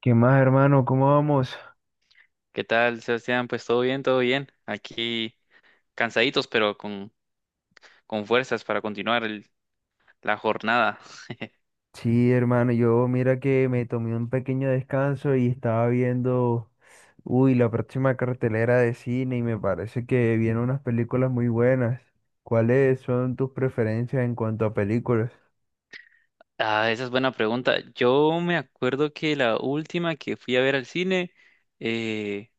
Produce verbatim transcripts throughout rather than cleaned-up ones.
¿Qué más, hermano? ¿Cómo vamos? ¿Qué tal, Sebastián? Pues todo bien, todo bien. Aquí cansaditos, pero con, con fuerzas para continuar el- la jornada. Sí, hermano, yo mira que me tomé un pequeño descanso y estaba viendo, uy, la próxima cartelera de cine y me parece que vienen unas películas muy buenas. ¿Cuáles son tus preferencias en cuanto a películas? Ah, esa es buena pregunta. Yo me acuerdo que la última que fui a ver al cine eh,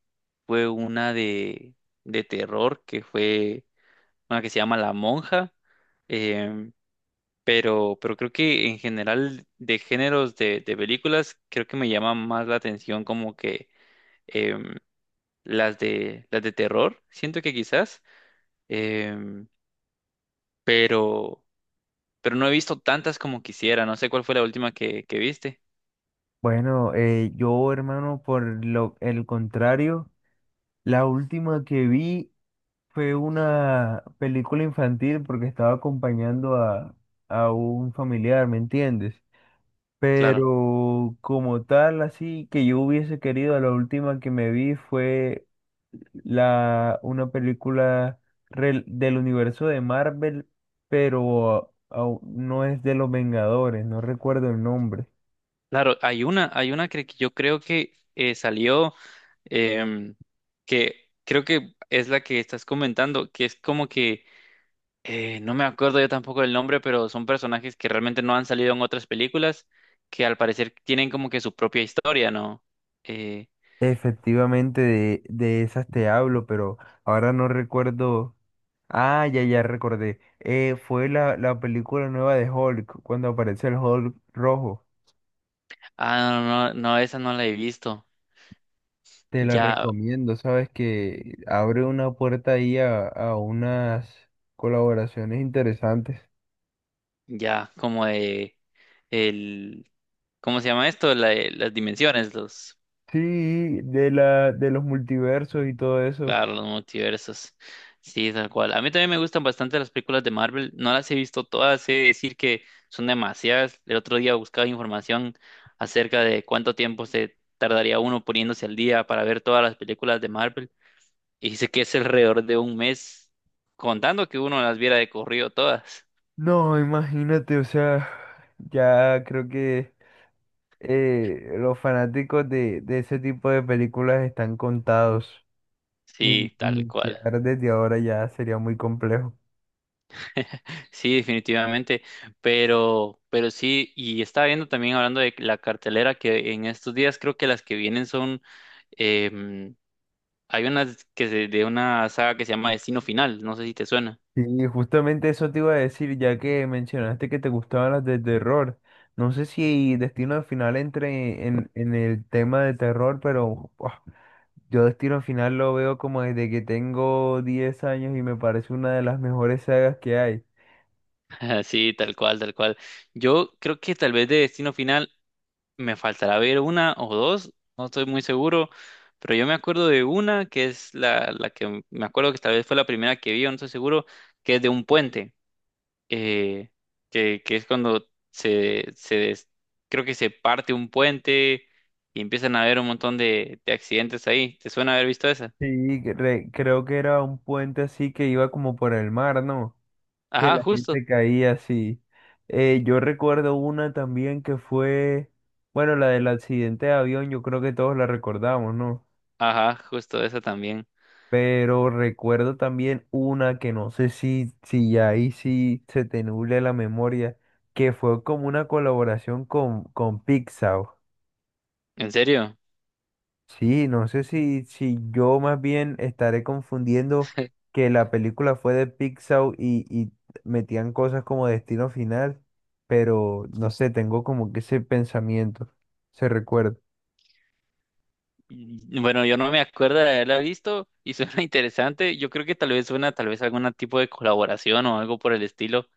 fue una de, de terror, que fue una que se llama La Monja. Em, pero, pero creo que en general de géneros de, de películas, creo que me llama más la atención como que em, las de, las de terror. Siento que quizás. em, pero, pero no he visto tantas como quisiera. No sé cuál fue la última que, que viste. Bueno, eh, yo, hermano, por lo, el contrario, la última que vi fue una película infantil porque estaba acompañando a, a un familiar, ¿me entiendes? Claro, Pero como tal, así que yo hubiese querido, la última que me vi fue la, una película rel- del universo de Marvel, pero au- no es de los Vengadores, no recuerdo el nombre. claro, hay una, hay una que que yo creo que eh, salió, em, que creo que es la que estás comentando, que es como que, eh, no me acuerdo yo tampoco del nombre, pero son personajes que realmente no han salido en otras películas, que al parecer tienen como que su propia historia, ¿no? Eh, Efectivamente, de, de esas te hablo, pero ahora no recuerdo. Ah, ya, ya recordé. Eh, fue la, la película nueva de Hulk, cuando aparece el Hulk rojo. ah, no, no, no, esa no la he visto. Te la Ya, recomiendo, sabes que abre una puerta ahí a, a unas colaboraciones interesantes. ya, como de el ¿Cómo se llama esto? La- eh, las dimensiones, los, Sí, de la, de los multiversos y todo eso. claro, los multiversos. Sí, tal cual. A mí también me gustan bastante las películas de Marvel. No las he visto todas, he de decir que son demasiadas. El otro día buscaba información acerca de cuánto tiempo se tardaría uno poniéndose al día para ver todas las películas de Marvel. Y dice que es alrededor de un mes, contando que uno las viera de corrido todas. No, imagínate, o sea, ya creo que eh, los fanáticos de, de ese tipo de películas están contados. In- Sí, tal cual. Iniciar desde ahora ya sería muy complejo. Sí, definitivamente, pero, pero sí, y estaba viendo también hablando de la cartelera que en estos días creo que las que vienen son, em, hay unas que se- de una saga que se llama Destino Final, no sé si te suena. Sí, justamente eso te iba a decir, ya que mencionaste que te gustaban las de terror. No sé si Destino Final entre en, en el tema de terror, pero buah, yo Destino Final lo veo como desde que tengo diez años y me parece una de las mejores sagas que hay. Sí, tal cual, tal cual. Yo creo que tal vez de Destino Final me faltará ver una o dos, no estoy muy seguro, pero yo me acuerdo de una que es la, la que me acuerdo que tal vez fue la primera que vi, o no estoy seguro, que es de un puente. eh, que, que es cuando se, se des- creo que se parte un puente y empiezan a haber un montón de, de accidentes ahí. ¿Te suena haber visto esa? Sí, cre- creo que era un puente así que iba como por el mar, ¿no? Que Ajá, la justo. gente caía así. Eh, yo recuerdo una también que fue, bueno, la del accidente de avión, yo creo que todos la recordamos, ¿no? Ajá, justo esa también. Pero recuerdo también una que no sé si, si ya ahí sí se te nubla la memoria, que fue como una colaboración con, con Pixar. ¿En serio? Sí, no sé si, si yo más bien estaré confundiendo que la película fue de Pixar y, y metían cosas como Destino Final, pero no sé, tengo como que ese pensamiento, se recuerda. Y- Bueno, yo no me acuerdo de haberla visto y suena interesante. Yo creo que tal vez suena tal vez algún tipo de colaboración o algo por el estilo.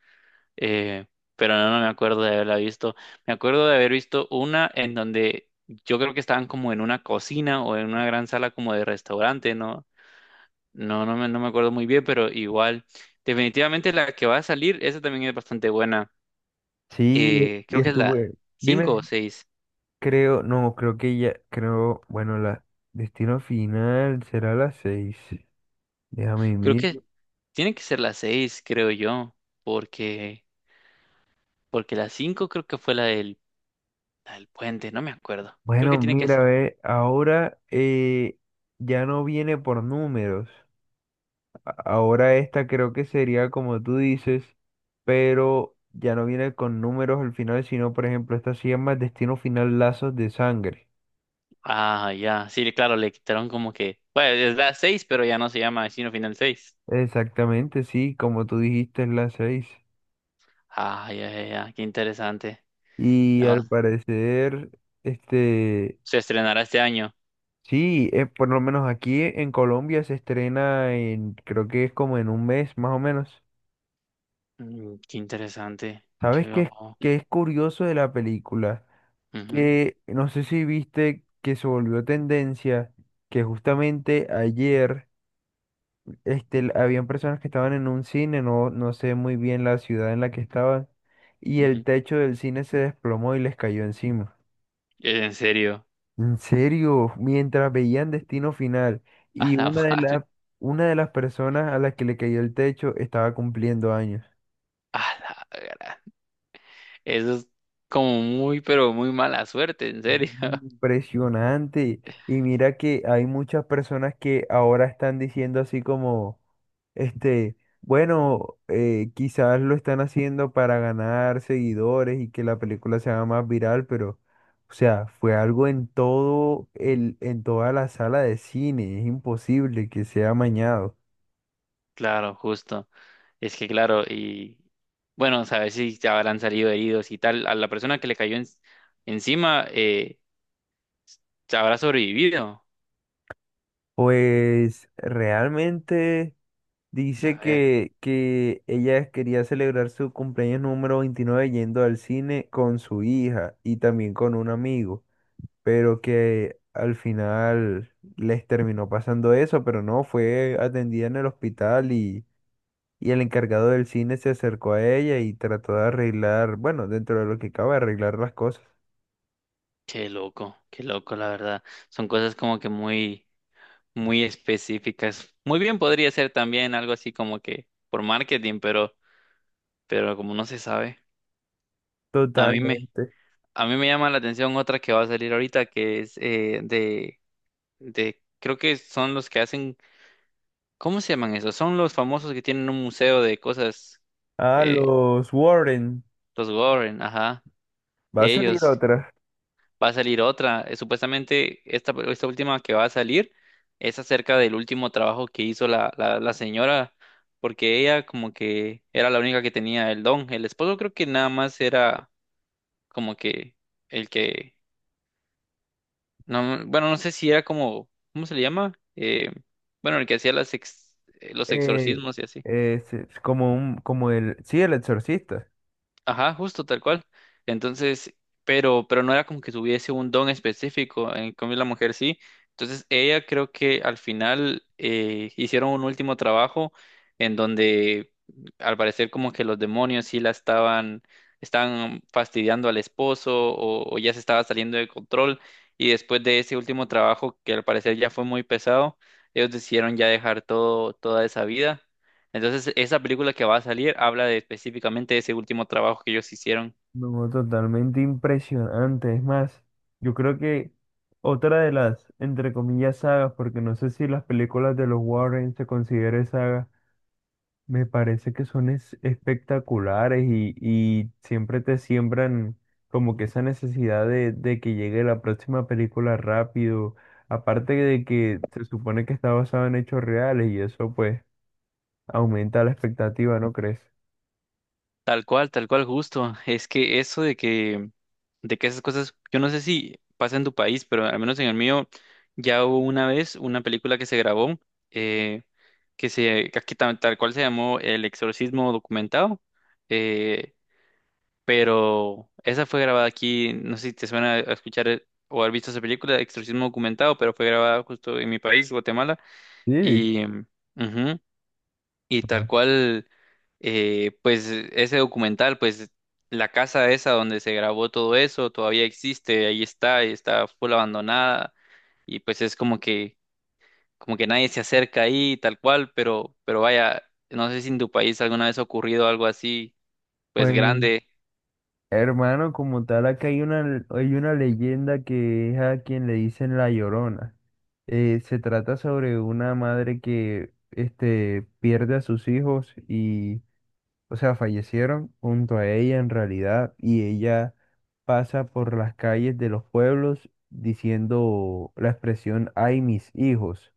eh, pero no, no me acuerdo de haberla visto. Me acuerdo de haber visto una en donde yo creo que estaban como en una cocina o en una gran sala como de restaurante, ¿no? No, no me, no me acuerdo muy bien, pero igual. Definitivamente la que va a salir, esa también es bastante buena. Sí, Eh, y creo que es la estuve. cinco o Dime. seis. Creo, no, creo que ya, creo, bueno, la destino final será a las seis. Déjame Creo que mirar. tiene que ser la seis creo yo, porque, porque la cinco creo que fue la del, la del puente, no me acuerdo. Creo que Bueno, tiene que mira, ser. ve, ahora eh, ya no viene por números. A- Ahora esta creo que sería como tú dices, pero ya no viene con números al final, sino, por ejemplo, esta se llama destino final lazos de sangre. Ah, ya. Sí, claro, le quitaron como que. Bueno, es la seis, pero ya no se llama Destino Final seis. Exactamente, sí, como tú dijiste, es la seis. Ah, ya, ya, ya. Qué interesante. Y No, al parecer, este. se estrenará este año. Sí, eh, por lo menos aquí en Colombia se estrena en, creo que es como en un mes más o menos. Mm, qué interesante. ¿Sabes qué es, Yo. qué es curioso de la película? Ujú, Que no sé si viste que se volvió tendencia, que justamente ayer este, l- habían personas que estaban en un cine, no, no sé muy bien la ciudad en la que estaban, y el ujú. techo del cine se desplomó y les cayó encima. En serio. En serio, mientras veían Destino Final y A la una de madre. las una de las personas a las que le cayó el techo estaba cumpliendo años. A la gra- Eso es como muy, pero muy mala suerte, en serio. Impresionante. Y mira que hay muchas personas que ahora están diciendo así como, este, bueno, eh, quizás lo están haciendo para ganar seguidores y que la película se haga más viral, pero, o sea, fue algo en todo el, en toda la sala de cine. Es imposible que sea amañado. Claro, justo. Es que, claro, y. Bueno, sabes si te habrán salido heridos y tal. A la persona que le cayó en- encima, eh, habrá sobrevivido. Pues realmente dice Saber, que, que ella quería celebrar su cumpleaños número veintinueve yendo al cine con su hija y también con un amigo, pero que al final les terminó pasando eso, pero no, fue atendida en el hospital y, y el encargado del cine se acercó a ella y trató de arreglar, bueno, dentro de lo que cabe, arreglar las cosas. qué loco, qué loco, la verdad. Son cosas como que muy, muy específicas. Muy bien podría ser también algo así como que por marketing, pero, pero como no se sabe. A mí me, Totalmente. a mí me llama la atención otra que va a salir ahorita, que es eh, de, de, creo que son los que hacen, ¿cómo se llaman esos? Son los famosos que tienen un museo de cosas, A eh, los Warren. los Warren, ajá. Va a salir Ellos, otra. va a salir otra. Eh, Supuestamente esta, esta última que va a salir es acerca del último trabajo que hizo la, la, la señora, porque ella como que era la única que tenía el don. El esposo creo que nada más era como que el que, no, bueno, no sé si era como, ¿cómo se le llama? Eh, bueno, el que hacía las ex- eh, los Eh, exorcismos y así. es, es como un, como el, sí, el exorcista. Ajá, justo tal cual. Entonces, pero, pero no era como que tuviese un don específico, en cambio la mujer sí. Entonces, ella creo que al final eh, hicieron un último trabajo en donde al parecer como que los demonios sí la estaban, estaban fastidiando al esposo o, o ya se estaba saliendo de control. Y después de ese último trabajo, que al parecer ya fue muy pesado, ellos decidieron ya dejar todo, toda esa vida entonces, esa película que va a salir habla de específicamente de ese último trabajo que ellos hicieron. No, totalmente impresionante. Es más, yo creo que otra de las, entre comillas, sagas, porque no sé si las películas de los Warren se consideren sagas, me parece que son es- espectaculares y, y siempre te siembran como que esa necesidad de, de que llegue la próxima película rápido. Aparte de que se supone que está basado en hechos reales y eso pues aumenta la expectativa, ¿no crees? Tal cual, tal cual, justo. Es que eso de que, de que esas cosas, yo no sé si pasa en tu país, pero al menos en el mío ya hubo una vez una película que se grabó, eh, que se, que aquí ta- tal, cual se llamó El Exorcismo Documentado, eh, pero esa fue grabada aquí, no sé si te suena a escuchar eh, o haber visto esa película, Exorcismo Documentado, pero fue grabada justo en mi país, Guatemala, Sí, y... ujú, y tal ah, cual, eh, pues ese documental, pues la casa esa donde se grabó todo eso todavía existe, ahí está, y está full abandonada y pues es como que, como que nadie se acerca ahí, tal cual, pero, pero vaya, no sé si en tu país alguna vez ha ocurrido algo así, pues pues grande, hermano, como tal, acá hay una, hay una leyenda que es a quien le dicen La Llorona. Eh, se trata sobre una madre que este, pierde a sus hijos y, o sea, fallecieron junto a ella en realidad y ella pasa por las calles de los pueblos diciendo la expresión, ay, mis hijos.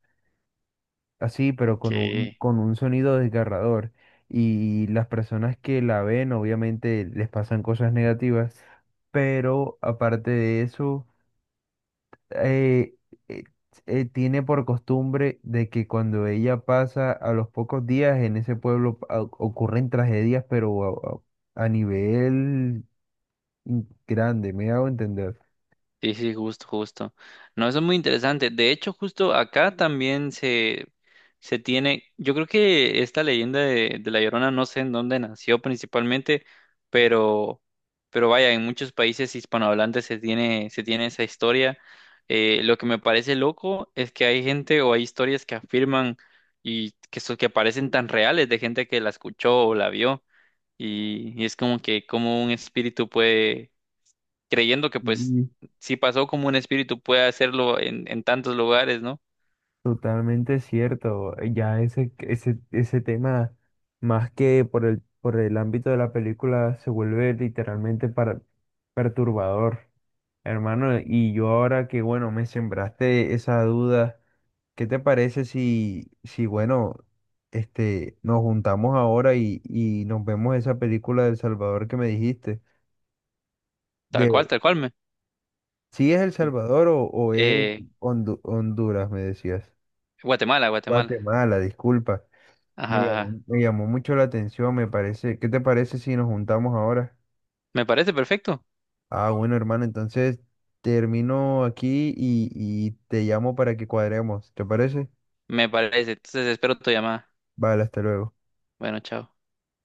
Así, pero con un, que con un sonido desgarrador. Y las personas que la ven, obviamente, les pasan cosas negativas, pero aparte de eso, eh, eh, eh, tiene por costumbre de que cuando ella pasa a los pocos días en ese pueblo pa- o- ocurren tragedias, pero a, a- a nivel mm, grande, me hago entender. sí, sí, justo, justo. No, eso es muy interesante. De hecho, justo acá también se, se tiene, yo creo que esta leyenda de, de La Llorona, no sé en dónde nació principalmente, pero, pero vaya, en muchos países hispanohablantes se tiene, se tiene esa historia. Eh, lo que me parece loco es que hay gente o hay historias que afirman y que, so- que parecen tan reales de gente que la escuchó o la vio. Y, y es como que como un espíritu puede creyendo que pues si pasó como un espíritu puede hacerlo en, en tantos lugares, ¿no? Totalmente cierto. eh, Ya ese, ese, ese tema, más que por el, por el ámbito de la película, se vuelve literalmente para, perturbador, hermano. Y yo ahora que, bueno, me sembraste esa duda, ¿qué te parece si, si bueno, este, nos juntamos ahora y, y nos vemos esa película del Salvador que me dijiste? Tal De, cual, tal cual me. si es El Salvador o, o es Eh, Hondu- Honduras, me decías? Guatemala, Guatemala. Guatemala, disculpa. Me Ajá, ajá. llamó, me llamó mucho la atención, me parece. ¿Qué te parece si nos juntamos ahora? Me parece perfecto. Ah, bueno, hermano, entonces termino aquí y, y te llamo para que cuadremos. ¿Te parece? Me parece. Entonces espero tu llamada. Vale, hasta luego. Bueno, chao.